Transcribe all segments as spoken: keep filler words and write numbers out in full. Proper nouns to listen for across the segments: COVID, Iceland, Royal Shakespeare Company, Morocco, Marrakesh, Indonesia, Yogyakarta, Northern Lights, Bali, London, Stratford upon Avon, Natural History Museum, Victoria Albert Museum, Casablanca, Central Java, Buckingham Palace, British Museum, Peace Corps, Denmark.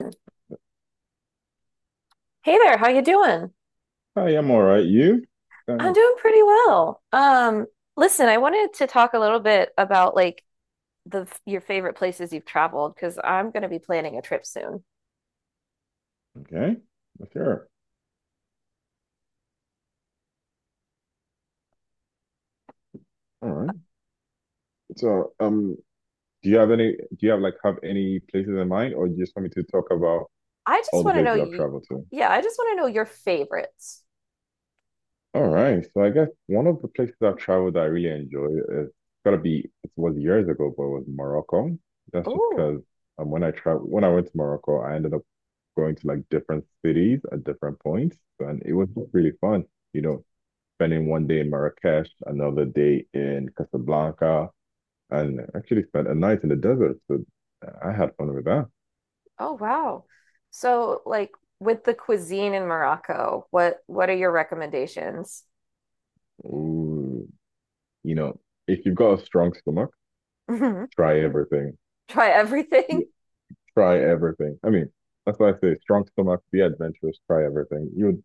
Hey there, how you doing? I am all right. You? I'm Uh, doing pretty well. Um, listen, I wanted to talk a little bit about like the your favorite places you've traveled because I'm going to be planning a trip soon. okay. Sure. All right. So, um, do you have any, do you have like have any places in mind, or you just want me to talk about I just all the want to know places I've you, traveled to? yeah, I just want to know your favorites. All right. So I guess one of the places I've traveled that I really enjoy is gotta be it was years ago, but it was Morocco. That's just Oh, because um when I travel when I went to Morocco, I ended up going to like different cities at different points, and it was just really fun. You know, Spending one day in Marrakesh, another day in Casablanca and actually spent a night in the desert. So I had fun with that. oh wow. So like with the cuisine in Morocco, what what are your recommendations? Ooh, you know, if you've got a strong stomach, Try try everything. everything. You try everything. I mean, that's why I say strong stomach, be adventurous, try everything. You'd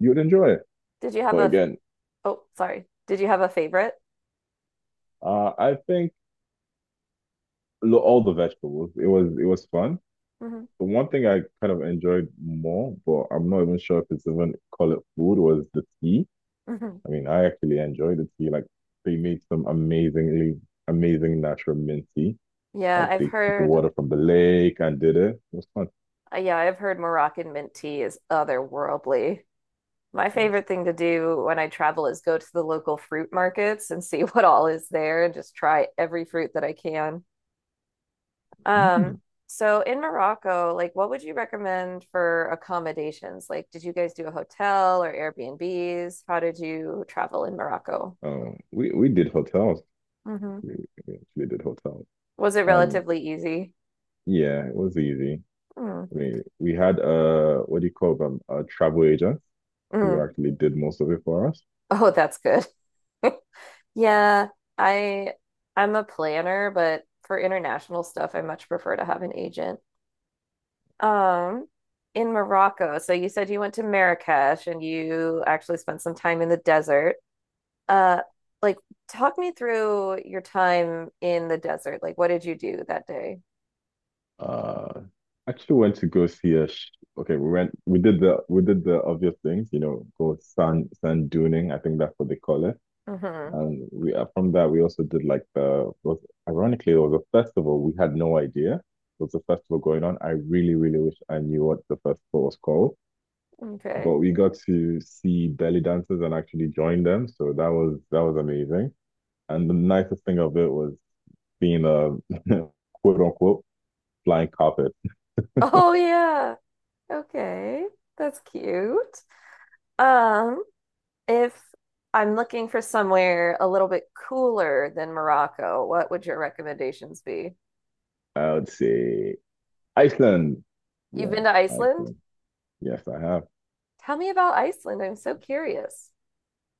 you'd enjoy it. Did you have But a, again, oh, sorry. Did you have a favorite? uh, I think lo- all the vegetables. It was it was fun. Hmm. The one thing I kind of enjoyed more, but I'm not even sure if it's even call it food, was the tea. Hmm. I mean, I actually enjoyed the tea. Like they made some amazingly amazing natural mint tea. Yeah, Like I've they took the heard water from the lake and did it. It was fun. Uh, yeah, I've heard Moroccan mint tea is otherworldly. My And I was favorite thing to do when I travel is go to the local fruit markets and see what all is there and just try every fruit that I can. like, Um, "Hmm." so in Morocco, like what would you recommend for accommodations? Like, did you guys do a hotel or Airbnbs? How did you travel in Morocco? Um, we we did hotels. Hmm. We, we actually did hotels. Was it Um, relatively easy? yeah, it was easy. Mm. I mean, we had uh, what do you call them? A travel agent who Mm. actually did most of it for us. Oh, that's good. Yeah, I I'm a planner, but for international stuff, I much prefer to have an agent. Um, in Morocco, so you said you went to Marrakesh and you actually spent some time in the desert. Uh, like talk me through your time in the desert. Like what did you do that day? Uh, actually went to go see a. Sh Okay, we went. We did the we did the obvious things. You know, go sand sand duning. I think that's what they call it. Mm-hmm. And we uh, from that we also did like the was ironically it was a festival. We had no idea there was a festival going on. I really, really wish I knew what the festival was called. Okay. But we got to see belly dancers and actually join them. So that was that was amazing. And the nicest thing of it was being a quote unquote flying carpet. Oh yeah. Okay. That's cute. Um, If I'm looking for somewhere a little bit cooler than Morocco, what would your recommendations be? I would say Iceland. You've Yeah, been to Iceland? Iceland. Yes, I have. Tell me about Iceland. I'm so curious.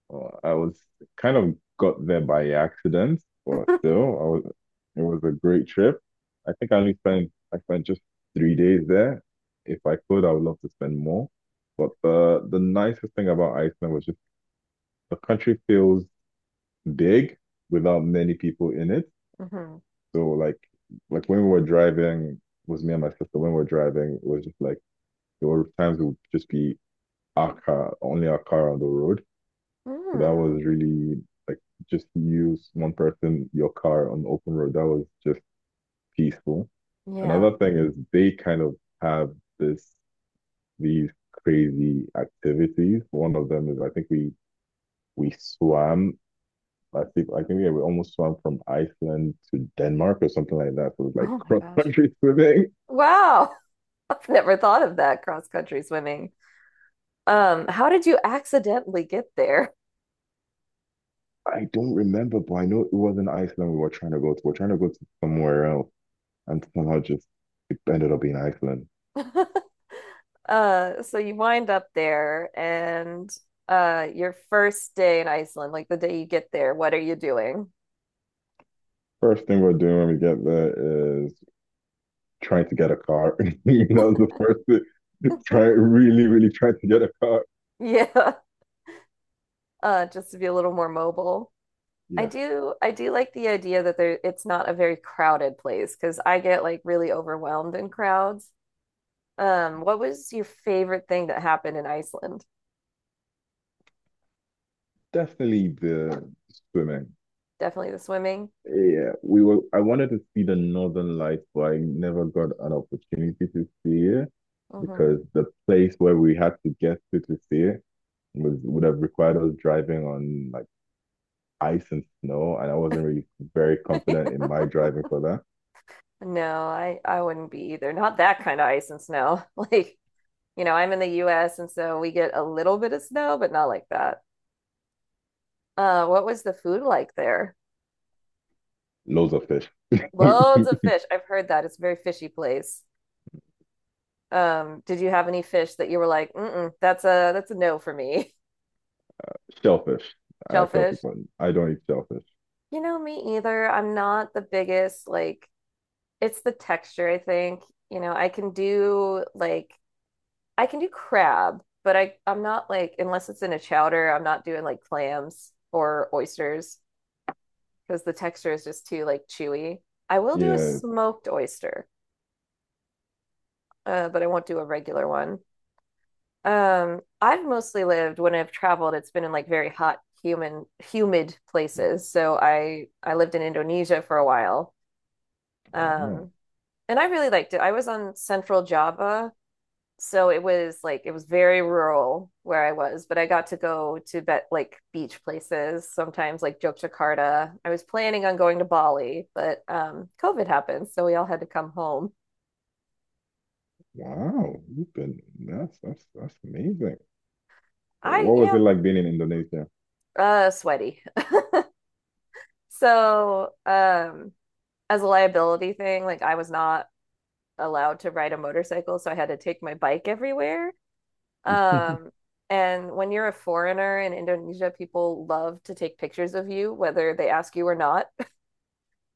Well, I was kind of got there by accident, but still, I was, it was a great trip. I think I only spent I spent just three days there. If I could, I would love to spend more. But the the nicest thing about Iceland was just the country feels big without many people in it. Hmm. So like like when we were driving, it was me and my sister. When we were driving, it was just like there were times it would just be our car, only our car on the road. So that Mm, was really like just use one person, your car on the open road. That was just peaceful. yeah. Another thing is they kind of have this these crazy activities. One of them is I think we we swam. I think I think yeah, we almost swam from Iceland to Denmark or something like that. So it was like Oh my cross gosh. country swimming. Wow. I've never thought of that cross-country swimming. Um, how did you accidentally get there? I don't remember, but I know it wasn't Iceland we were trying to go to. We are trying to go to somewhere else, and somehow just it ended up being Iceland. Uh, so you wind up there and uh your first day in Iceland, like the day you get there, what are you doing? First thing we're doing when we get there is trying to get a car. That was the first thing. Try Really, really trying to get a car. Yeah. uh, just to be a little more mobile. I Yes, do I do like the idea that there it's not a very crowded place because I get like really overwhelmed in crowds. Um, what was your favorite thing that happened in Iceland? definitely the swimming. Definitely the swimming. Yeah, we were. I wanted to see the Northern Lights, but I never got an opportunity to see it Hmm. because the place where we had to get to to see it was would have required us driving on like ice and snow, and I wasn't really very confident in my driving for that. No, I I wouldn't be either. Not that kind of ice and snow. Like, you know, I'm in the U S and so we get a little bit of snow, but not like that. Uh, what was the food like there? Loads of fish. Loads of fish. I've heard that. It's a very fishy place. Um, did you have any fish that you were like, mm-mm, that's a that's a no for me. Shellfish. I tell Shellfish? people I don't eat shellfish. You know, me either. I'm not the biggest, like, it's the texture, I think. You know, I can do like I can do crab, but I I'm not like unless it's in a chowder, I'm not doing like clams or oysters because the texture is just too like chewy. I will do a Yeah. smoked oyster, uh, but I won't do a regular one. Um, I've mostly lived when I've traveled, it's been in like very hot, human, humid places. So I I lived in Indonesia for a while. Wow. Um, and I really liked it. I was on Central Java, so it was like it was very rural where I was, but I got to go to bet like beach places sometimes, like Yogyakarta. I was planning on going to Bali, but um, COVID happened, so we all had to come home. Wow. You've been that's that's that's amazing. I What yeah, was it like being in Indonesia? Uh, sweaty. So, um, as a liability thing, like I was not allowed to ride a motorcycle, so I had to take my bike everywhere. Um, and when you're a foreigner in Indonesia, people love to take pictures of you, whether they ask you or not.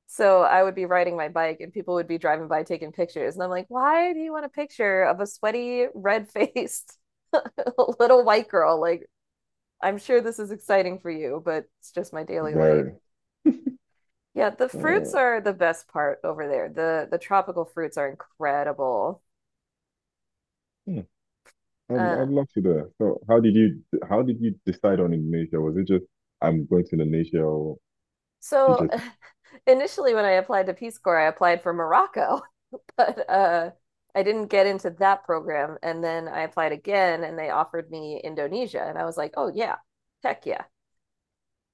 So I would be riding my bike and people would be driving by taking pictures. And I'm like, why do you want a picture of a sweaty, red faced little white girl? Like, I'm sure this is exciting for you, but it's just my daily life. Very. Yeah, the fruits Uh, are the best part over there. The the tropical fruits are incredible. hmm. I'd, Uh, I'd love to do that. So how did you how did you decide on Indonesia? Was it just I'm going to Indonesia, or you so just? initially when I applied to Peace Corps, I applied for Morocco, but uh, I didn't get into that program. And then I applied again and they offered me Indonesia. And I was like, oh yeah, heck yeah.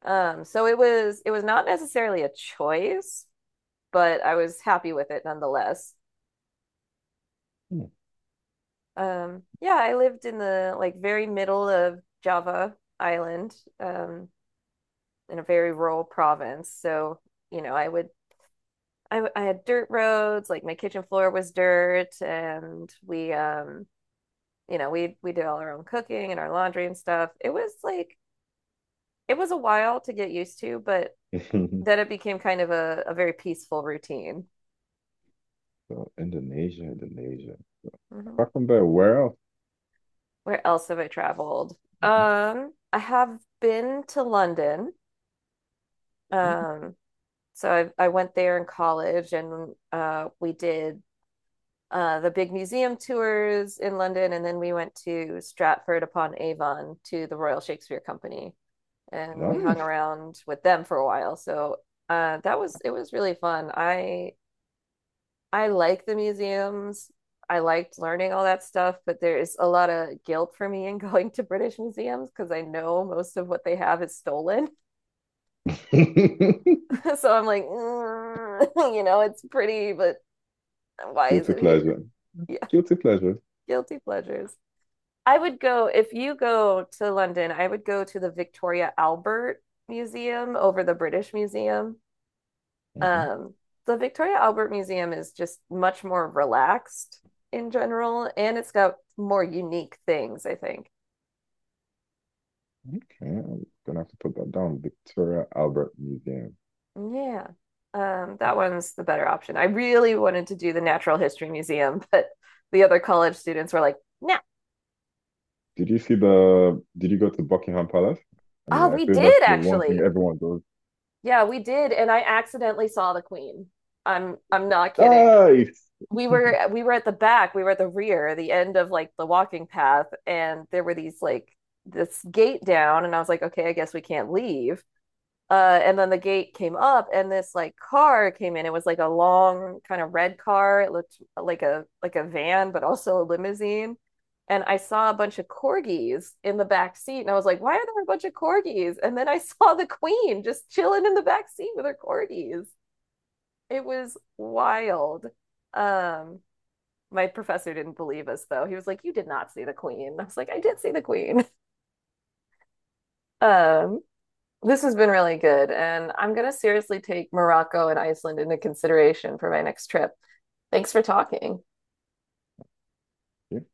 Um, so it was it was not necessarily a choice, but I was happy with it nonetheless. Hmm. Um, yeah, I lived in the like very middle of Java Island. Um, in a very rural province. So, you know, I would I I had dirt roads, like my kitchen floor was dirt and we um you know, we we did all our own cooking and our laundry and stuff. It was like it was a while to get used to, but then it became kind of a, a very peaceful routine. so Indonesia, Indonesia. Hmm. Apart from that, where else? Where else have I traveled? Mhm. Um, I have been to London. Um, so I I went there in college and uh we did uh, the big museum tours in London, and then we went to Stratford upon Avon to the Royal Shakespeare Company, and we hung Nice. around with them for a while. So uh, that was it was really fun. I I like the museums. I liked learning all that stuff, but there is a lot of guilt for me in going to British museums because I know most of what they have is stolen. so I'm like, mm, you know, it's pretty, but why is Guilty it here? pleasure. Yeah, Guilty pleasure. guilty pleasures. I would go, if you go to London, I would go to the Victoria Albert Museum over the British Museum. Mhm. Um, the Victoria Albert Museum is just much more relaxed in general, and it's got more unique things, I think. Okay, I'm gonna have to put that down. Victoria Albert Museum. Yeah, um, that one's the better option. I really wanted to do the Natural History Museum, but the other college students were like, "No, nah. Did you see the? Did you go to Buckingham Palace? I Oh, mean, I we feel that's did the one thing actually. everyone does. Yeah, we did." And I accidentally saw the Queen. I'm I'm not kidding. Nice. We were we were at the back, we were at the rear, the end of like the walking path, and there were these like this gate down, and I was like, okay, I guess we can't leave. Uh, and then the gate came up, and this like car came in. It was like a long kind of red car. It looked like a like a van, but also a limousine. And I saw a bunch of corgis in the back seat, and I was like, why are there a bunch of corgis? And then I saw the queen just chilling in the back seat with her corgis. It was wild. Um, my professor didn't believe us though. He was like, "You did not see the queen." I was like, "I did see the queen." Um, this has been really good, and I'm gonna seriously take Morocco and Iceland into consideration for my next trip. Thanks for talking. You